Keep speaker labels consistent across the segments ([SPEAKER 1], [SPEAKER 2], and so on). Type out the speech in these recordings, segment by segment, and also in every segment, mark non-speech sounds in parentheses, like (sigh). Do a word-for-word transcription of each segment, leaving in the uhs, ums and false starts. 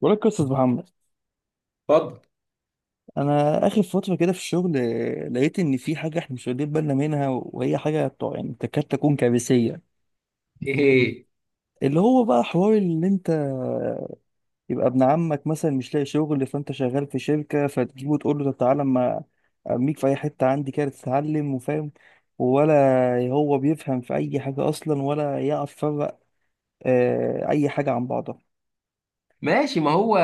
[SPEAKER 1] بقول لك قصة محمد.
[SPEAKER 2] اتفضل.
[SPEAKER 1] انا اخر فتره كده في الشغل، آه، لقيت ان في حاجه احنا مش واخدين بالنا منها، وهي حاجه بتاع- يعني تكاد تكون كارثيه.
[SPEAKER 2] ايه،
[SPEAKER 1] اللي هو بقى حوار ان انت، آه، يبقى ابن عمك مثلا مش لاقي شغل، فانت شغال في شركه فتجيبه تقول له طب تعالى اما ارميك في اي حته عندي كده تتعلم وفاهم؟ ولا هو بيفهم في اي حاجه اصلا ولا يعرف يفرق آه، اي حاجه عن بعضها.
[SPEAKER 2] ماشي. ما هو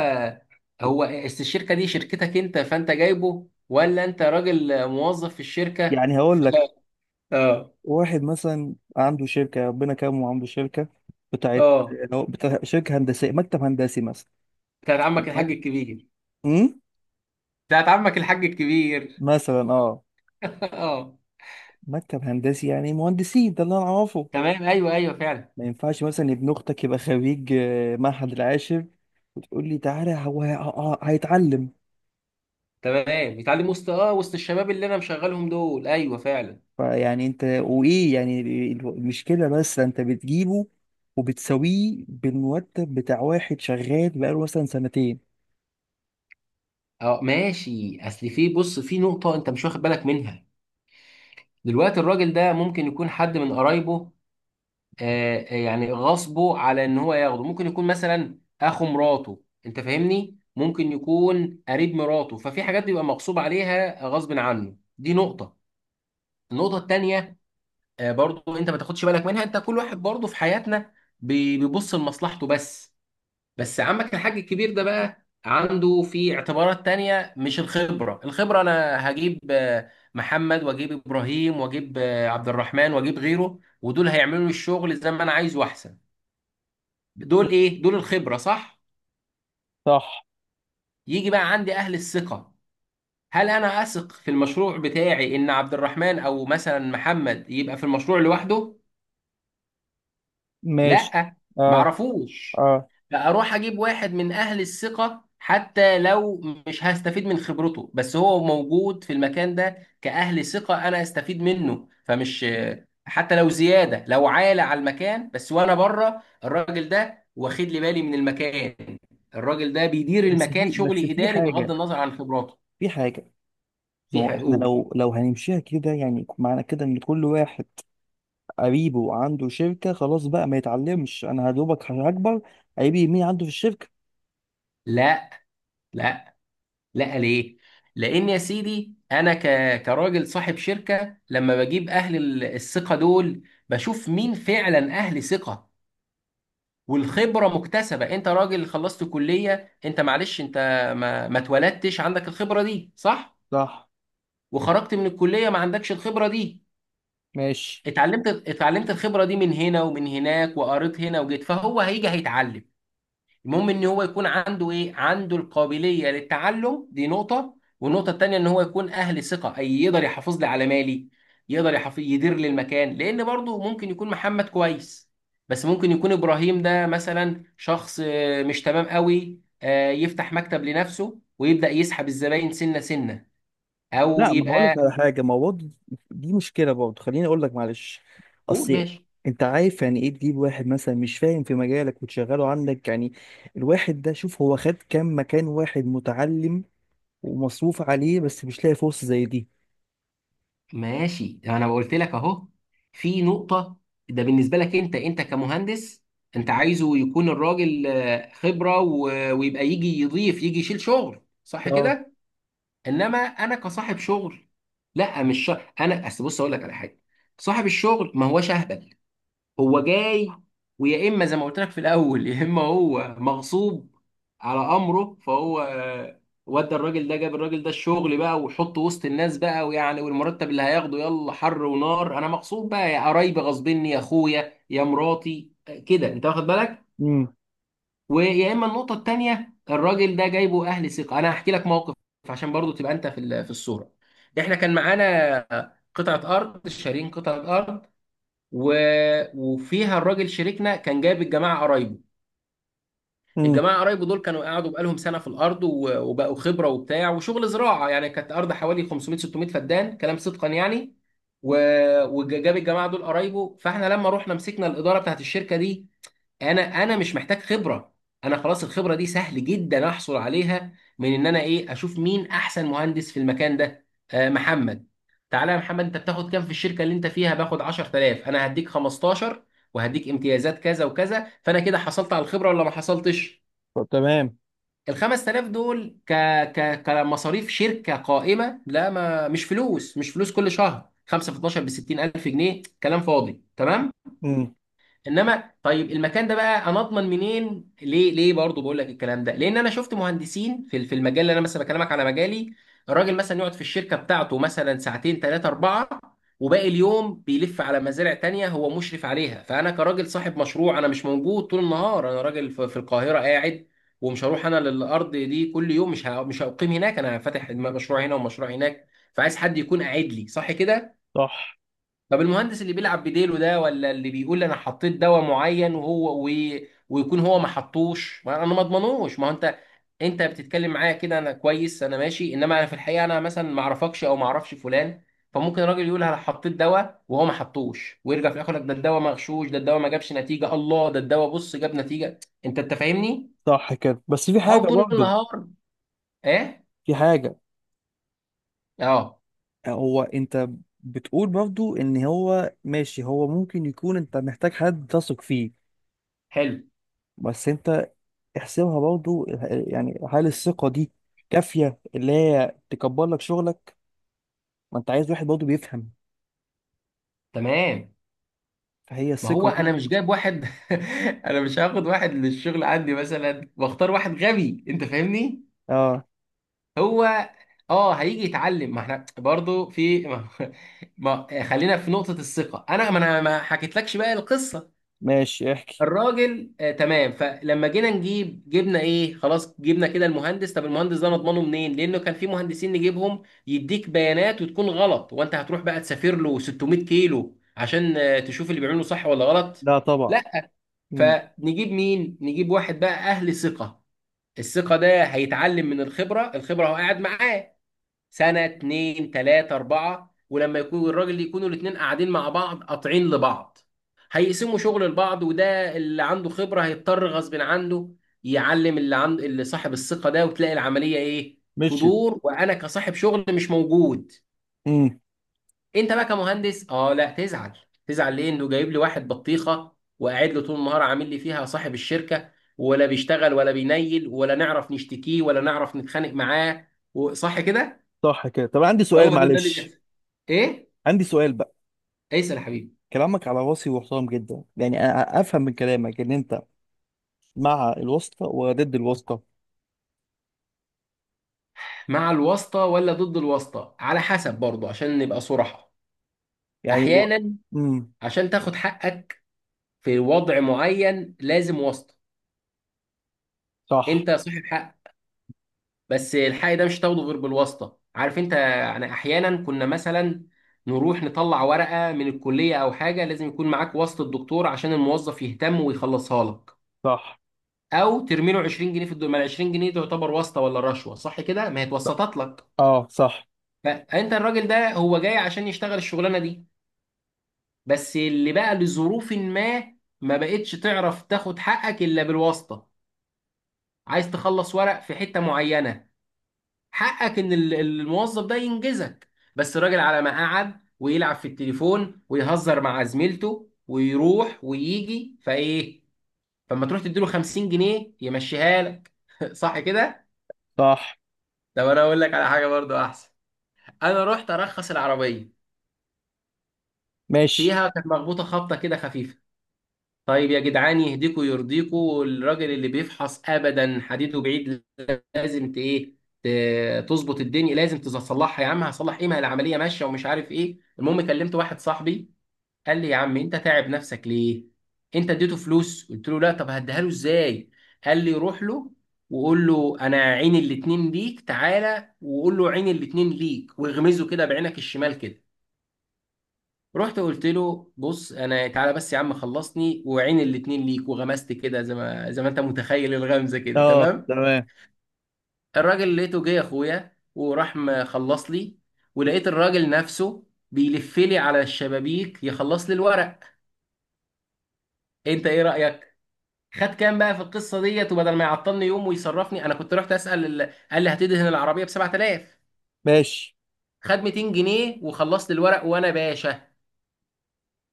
[SPEAKER 2] هو است- الشركه دي شركتك انت فانت جايبه، ولا انت راجل موظف في الشركه
[SPEAKER 1] يعني هقول
[SPEAKER 2] ف-
[SPEAKER 1] لك،
[SPEAKER 2] اه
[SPEAKER 1] واحد مثلا عنده شركة، ربنا كرمه عنده شركة بتاعت
[SPEAKER 2] اه
[SPEAKER 1] لو بتاع شركة هندسية، مكتب هندسي مثلا.
[SPEAKER 2] بتاعت عمك الحاج الكبير.
[SPEAKER 1] امم.
[SPEAKER 2] بتاعت عمك الحاج الكبير
[SPEAKER 1] مثلا اه.
[SPEAKER 2] (laughs) اه.
[SPEAKER 1] مكتب هندسي يعني مهندسين، ده اللي انا اعرفه.
[SPEAKER 2] تمام، ايوه ايوه فعلا.
[SPEAKER 1] ما ينفعش مثلا ابن اختك يبقى خريج آه، معهد العاشر وتقول لي تعالى هو ه- ه- هيتعلم.
[SPEAKER 2] تمام، بيتعلم وسط اه وسط الشباب اللي انا مشغلهم دول، ايوه فعلا.
[SPEAKER 1] فيعني انت وايه، يعني ال- المشكله بس انت بتجيبه وبتساويه بالمرتب بتاع واحد شغال بقاله مثلا سنتين.
[SPEAKER 2] اه ماشي، اصل في، بص، في نقطه انت مش واخد بالك منها. دلوقتي الراجل ده ممكن يكون حد من قرايبه، آه، آه، يعني غصبه على ان هو ياخده. ممكن يكون مثلا اخو مراته، انت فاهمني، ممكن يكون قريب مراته، ففي حاجات بيبقى مغصوب عليها غصب عنه. دي نقطة. النقطة التانية، آه، برضو انت ما تاخدش بالك منها: انت كل واحد برضو في حياتنا بي- بيبص لمصلحته بس. بس عمك الحاج الكبير ده بقى عنده في اعتبارات تانية مش الخبرة. الخبرة انا هجيب آه، محمد واجيب ابراهيم واجيب آه، عبد الرحمن واجيب غيره، ودول هيعملوا لي الشغل زي ما انا عايزه احسن. دول ايه؟ دول الخبرة، صح؟
[SPEAKER 1] صح.
[SPEAKER 2] يجي بقى عندي اهل الثقة. هل انا اثق في المشروع بتاعي ان عبد الرحمن او مثلا محمد يبقى في المشروع لوحده؟
[SPEAKER 1] ماشي.
[SPEAKER 2] لا،
[SPEAKER 1] اه.
[SPEAKER 2] معرفوش.
[SPEAKER 1] اه.
[SPEAKER 2] فاروح اجيب واحد من اهل الثقه، حتى لو مش هستفيد من خبرته، بس هو موجود في المكان ده كاهل ثقه انا استفيد منه. فمش، حتى لو زياده، لو عالي على المكان، بس وانا بره الراجل ده واخد لي بالي من المكان. الراجل ده بيدير
[SPEAKER 1] بس
[SPEAKER 2] المكان
[SPEAKER 1] في بس
[SPEAKER 2] شغلي
[SPEAKER 1] في
[SPEAKER 2] اداري بغض
[SPEAKER 1] حاجة.
[SPEAKER 2] النظر عن خبراته.
[SPEAKER 1] في حاجة. ما
[SPEAKER 2] في
[SPEAKER 1] هو احنا
[SPEAKER 2] حقوق.
[SPEAKER 1] لو لو هنمشيها كده، يعني معنى كده ان كل واحد قريبه عنده شركة خلاص بقى ما يتعلمش، انا هدوبك هكبر، قريبي مين عنده في الشركة؟
[SPEAKER 2] لا، لا، لا، ليه؟ لأن يا سيدي أنا ك... كراجل صاحب شركة، لما بجيب أهل ال- الثقة دول، بشوف مين فعلا أهل ثقة. والخبرة مكتسبة، أنت راجل خلصت كلية، أنت معلش أنت ما, ما اتولدتش عندك الخبرة دي، صح؟
[SPEAKER 1] صح.
[SPEAKER 2] وخرجت من الكلية ما عندكش الخبرة دي.
[SPEAKER 1] ماشي.
[SPEAKER 2] اتعلمت اتعلمت الخبرة دي من هنا ومن هناك وقريت هنا وجيت، فهو هيجي هيتعلم. المهم ان هو يكون عنده ايه؟ عنده القابليه للتعلم، دي نقطه. والنقطه التانيه ان هو يكون اهل ثقه، اي يقدر يحافظ لي على مالي، يقدر يحافظ يدير لي المكان. لان برضه ممكن يكون محمد كويس، بس ممكن يكون ابراهيم ده مثلا شخص آه، مش تمام قوي، آه، يفتح مكتب لنفسه ويبدا يسحب الزباين سنه سنه، او
[SPEAKER 1] لا. ما هقول لك
[SPEAKER 2] يبقى.
[SPEAKER 1] على حاجة، ما هو برضه دي مشكلة برضه، خليني اقول لك معلش.
[SPEAKER 2] قول،
[SPEAKER 1] اصل
[SPEAKER 2] ماشي.
[SPEAKER 1] انت عارف يعني ايه تجيب واحد مثلا مش فاهم في مجالك وتشغله عندك؟ يعني الواحد ده، شوف هو خد كام مكان. واحد متعلم ومصروف عليه بس مش لاقي فرصة زي دي.
[SPEAKER 2] ماشي، انا قلت لك اهو في نقطة: ده بالنسبة لك، انت انت كمهندس، انت عايزه يكون الراجل آه، خبرة و- ويبقى يجي يضيف، يجي يشيل شغل، صح
[SPEAKER 1] اه.
[SPEAKER 2] كده؟ انما انا كصاحب شغل، لا، مش شا... انا اصل بص اقول لك على حاجة: صاحب الشغل ما هوش اهبل. هو جاي ويا اما زي ما قلت لك في الاول، يا اما هو مغصوب على امره، فهو آه، ودى الراجل ده، جاب الراجل ده الشغل بقى وحطه وسط الناس بقى، ويعني والمرتب اللي هياخده يلا حر ونار، انا مغصوب بقى، يا قرايبي غصبني، يا اخويا، يا مراتي، آه، كده، انت واخد بالك. ويا اما النقطه التانيه الراجل ده جايبه اهل ثقه. انا هحكي لك موقف عشان برضو تبقى انت في ال- في الصوره. احنا كان معانا قطعه ارض، شارين قطعه ارض، و... وفيها الراجل شريكنا كان جايب الجماعه قرايبه.
[SPEAKER 1] امم.
[SPEAKER 2] الجماعه قرايبه دول كانوا قعدوا بقالهم سنه في الارض، و... وبقوا خبره وبتاع وشغل زراعه، يعني كانت ارض حوالي خمسمائة ستمائة فدان كلام، صدقا يعني، و... وجاب الجماعه دول قرايبه. فاحنا لما رحنا مسكنا الاداره بتاعت الشركه دي، انا انا مش محتاج خبره. انا خلاص الخبره دي سهل جدا احصل عليها من ان انا ايه؟ اشوف مين احسن مهندس في المكان ده. آه محمد، تعالى يا محمد، انت بتاخد كام في الشركه اللي انت فيها؟ باخد عشر تلاف. انا هديك خمستاشر وهديك امتيازات كذا وكذا. فانا كده حصلت على الخبره ولا ما حصلتش؟
[SPEAKER 1] طب تمام.
[SPEAKER 2] ال خمس تلاف دول ك ك كمصاريف شركه قائمه، لا ما مش فلوس، مش فلوس، كل شهر خمسة في اتناشر ب ستين الف جنيه، كلام فاضي. تمام.
[SPEAKER 1] امم.
[SPEAKER 2] انما طيب المكان ده بقى انا اضمن منين؟ ليه ليه برضه بقول لك الكلام ده؟ لان انا شفت مهندسين في في المجال اللي انا مثلا بكلمك على مجالي: الراجل مثلا يقعد في الشركه بتاعته مثلا ساعتين ثلاثه اربعه، وباقي اليوم بيلف على مزارع تانية هو مشرف عليها. فانا كراجل صاحب مشروع انا مش موجود طول النهار، انا راجل في في القاهره قاعد ومش هروح انا للارض دي كل يوم، مش ه- مش هقيم هناك. انا فاتح مشروع هنا ومشروع هناك، فعايز حد يكون قاعد لي، صح كده؟
[SPEAKER 1] صح.
[SPEAKER 2] طب المهندس اللي بيلعب بديله ده، ولا اللي بيقول انا حطيت دواء معين وهو و... ويكون هو ما حطوش، ما انا ما اضمنوش. ما هو انت، انت بتتكلم معايا كده انا كويس انا ماشي، انما انا في الحقيقه انا مثلا ما اعرفكش او ما اعرفش فلان، فممكن الراجل يقول انا حطيت دواء وهو ما حطوش، ويرجع في الاخر يقول لك ده الدواء مغشوش، ده الدواء ما جابش نتيجه. الله، ده الدواء بص جاب نتيجه. انت انت فاهمني؟
[SPEAKER 1] صح كده، بس في
[SPEAKER 2] او
[SPEAKER 1] حاجه
[SPEAKER 2] طول
[SPEAKER 1] برضو،
[SPEAKER 2] النهار. ايه؟
[SPEAKER 1] في حاجه،
[SPEAKER 2] اه.
[SPEAKER 1] آه، هو انت بتقول برضو ان هو ماشي، هو ممكن يكون انت محتاج حد تثق فيه.
[SPEAKER 2] حلو.
[SPEAKER 1] بس انت احسبها برضو، آه، يعني هل الثقه دي كافيه اللي هي تكبر لك شغلك؟ ما انت عايز واحد برضو بيفهم.
[SPEAKER 2] تمام.
[SPEAKER 1] فهي
[SPEAKER 2] ما
[SPEAKER 1] الثقه
[SPEAKER 2] هو
[SPEAKER 1] دي.
[SPEAKER 2] انا مش جايب واحد (laughs) انا مش هاخد واحد للشغل عندي مثلا واختار واحد غبي، انت فاهمني؟
[SPEAKER 1] اه.
[SPEAKER 2] هو اه هيجي يتعلم، ما احنا برضو في (laughs) ما... ما... خلينا في نقطة الثقة. انا ما انا ما حكيتلكش بقى القصة.
[SPEAKER 1] ماشي، احكي.
[SPEAKER 2] الراجل آه تمام، فلما جينا نجيب جبنا ايه؟ خلاص جبنا كده المهندس. طب المهندس ده نضمنه منين؟ لانه كان في مهندسين نجيبهم يديك بيانات وتكون غلط، وانت هتروح بقى تسافر له 600 كيلو عشان آه، تشوف اللي بيعمله صح ولا غلط.
[SPEAKER 1] لا طبعا.
[SPEAKER 2] لا.
[SPEAKER 1] امم.
[SPEAKER 2] فنجيب مين؟ نجيب واحد بقى أهل ثقة. الثقة ده هيتعلم من الخبرة. الخبرة هو قاعد معاه سنة اتنين تلاتة أربعة، ولما يكون الراجل يكونوا الاتنين قاعدين مع بعض قاطعين لبعض، هيقسموا شغل لبعض، وده اللي عنده خبرة هيضطر غصب عنه يعلم اللي عنده، اللي صاحب الثقة ده، وتلاقي العملية إيه؟
[SPEAKER 1] مشيت.
[SPEAKER 2] تدور. وأنا كصاحب شغل مش موجود.
[SPEAKER 1] امم.
[SPEAKER 2] انت بقى كمهندس اه لا تزعل. تزعل ليه انه جايب لي واحد بطيخه وقاعد له طول النهار عامل لي فيها صاحب الشركه، ولا بيشتغل ولا بينيل، ولا نعرف نشتكيه ولا نعرف نتخانق معاه، وصح كده.
[SPEAKER 1] صح كده. طب عندي سؤال
[SPEAKER 2] هو ده ده اللي
[SPEAKER 1] معلش،
[SPEAKER 2] بيحصل. ايه؟
[SPEAKER 1] عندي سؤال بقى.
[SPEAKER 2] ايسر يا حبيبي.
[SPEAKER 1] كلامك على راسي وحرام جدا، يعني انا افهم من كلامك ان انت مع الواسطه وضد الواسطه؟
[SPEAKER 2] مع الواسطه ولا ضد الواسطه على حسب برضه عشان نبقى صراحه.
[SPEAKER 1] يعني الو...
[SPEAKER 2] احيانا،
[SPEAKER 1] امم.
[SPEAKER 2] عشان تاخد حقك في وضع معين لازم واسطه.
[SPEAKER 1] صح.
[SPEAKER 2] انت صاحب حق، بس الحق ده مش هتاخده غير بالواسطه، عارف انت يعني؟ احيانا كنا مثلا نروح نطلع ورقه من الكليه او حاجه، لازم يكون معاك واسطه الدكتور عشان الموظف يهتم ويخلصها لك،
[SPEAKER 1] صح.
[SPEAKER 2] او ترمي له عشرين جنيه في الدول ما. ال عشرين جنيه دي تعتبر واسطه ولا رشوه؟ صح كده، ما هي
[SPEAKER 1] صح.
[SPEAKER 2] اتوسطت لك.
[SPEAKER 1] اه صح.
[SPEAKER 2] فانت الراجل ده هو جاي عشان يشتغل الشغلانه دي، بس اللي بقى لظروف ما، ما بقتش تعرف تاخد حقك الا بالواسطه. عايز تخلص ورق في حته معينه، حقك ان ال- الموظف ده ينجزك، بس الراجل على ما قعد ويلعب في التليفون ويهزر مع زميلته ويروح ويجي فايه، فما تروح تديله خمسين جنيه يمشيها لك (laughs) صح كده؟
[SPEAKER 1] صح.
[SPEAKER 2] طب انا اقول لك على حاجه برضو احسن. انا رحت ارخص العربيه،
[SPEAKER 1] ماشي.
[SPEAKER 2] فيها كانت مخبوطه خبطه كده خفيفه. طيب يا جدعان يهديكوا يرضيكوا الراجل اللي بيفحص ابدا حديده بعيد، لازم ت- ايه ت- تظبط الدنيا، لازم تصلحها يا عم. هصلح ايه ما هي العمليه ماشيه ومش عارف ايه. المهم كلمت واحد صاحبي قال لي يا عم انت تعب نفسك ليه؟ انت اديته فلوس؟ قلت له لا. طب هديها له ازاي؟ قال لي روح له وقول له انا عين الاتنين ليك، تعالى وقول له عين الاتنين ليك، واغمزه كده بعينك الشمال كده. رحت قلت له بص انا تعالى بس يا عم خلصني وعين الاتنين ليك، وغمزت كده زي ما زي ما انت متخيل الغمزه كده
[SPEAKER 1] اه
[SPEAKER 2] تمام.
[SPEAKER 1] تمام.
[SPEAKER 2] الراجل لقيته جه يا اخويا وراح مخلص لي، ولقيت الراجل نفسه بيلف لي على الشبابيك يخلص لي الورق. انت ايه رأيك؟ خد كام بقى في القصة ديت؟ وبدل ما يعطلني يوم ويصرفني، انا كنت رحت اسأل ال- قال لي هتدهن العربية ب سبعة آلاف.
[SPEAKER 1] ماشي.
[SPEAKER 2] خد ميتين جنيه وخلصت الورق وانا باشا،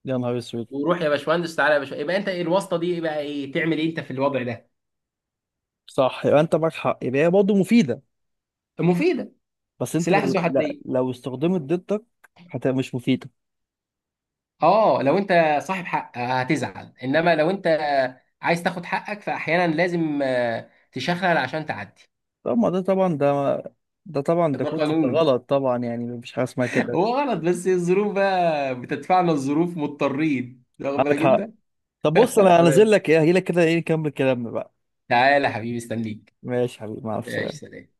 [SPEAKER 1] يا نهار اسود.
[SPEAKER 2] وروح يا باشمهندس، تعالى يا باشا. يبقى انت ايه الواسطة دي بقى؟ ايه تعمل ايه انت في الوضع ده؟
[SPEAKER 1] صح، يبقى انت معاك حق، يبقى هي برضه مفيده.
[SPEAKER 2] مفيدة.
[SPEAKER 1] بس انت
[SPEAKER 2] سلاح
[SPEAKER 1] لو،
[SPEAKER 2] ذو
[SPEAKER 1] لا،
[SPEAKER 2] حدين.
[SPEAKER 1] لو استخدمت ضدك هتبقى مش مفيده.
[SPEAKER 2] اه لو انت صاحب حق آه، هتزعل، انما لو انت عايز تاخد حقك فاحيانا لازم آه، تشخلل عشان تعدي.
[SPEAKER 1] طب ما ده طبعا. ده ده طبعا ده
[SPEAKER 2] ده
[SPEAKER 1] كنت
[SPEAKER 2] قانون.
[SPEAKER 1] غلط طبعا، يعني مفيش حاجه اسمها
[SPEAKER 2] (laughs)
[SPEAKER 1] كده.
[SPEAKER 2] هو غلط، بس الظروف بقى بتدفعنا، الظروف مضطرين، واخد
[SPEAKER 1] عندك
[SPEAKER 2] بالك
[SPEAKER 1] حق.
[SPEAKER 2] انت؟
[SPEAKER 1] طب بص انا
[SPEAKER 2] تمام،
[SPEAKER 1] هنزل لك، ايه هجيلك كده، ايه نكمل كلامنا بقى.
[SPEAKER 2] تعالى يا حبيبي استنيك.
[SPEAKER 1] ماشي يا حبيبي، مع
[SPEAKER 2] ماشي،
[SPEAKER 1] السلامه.
[SPEAKER 2] سلام.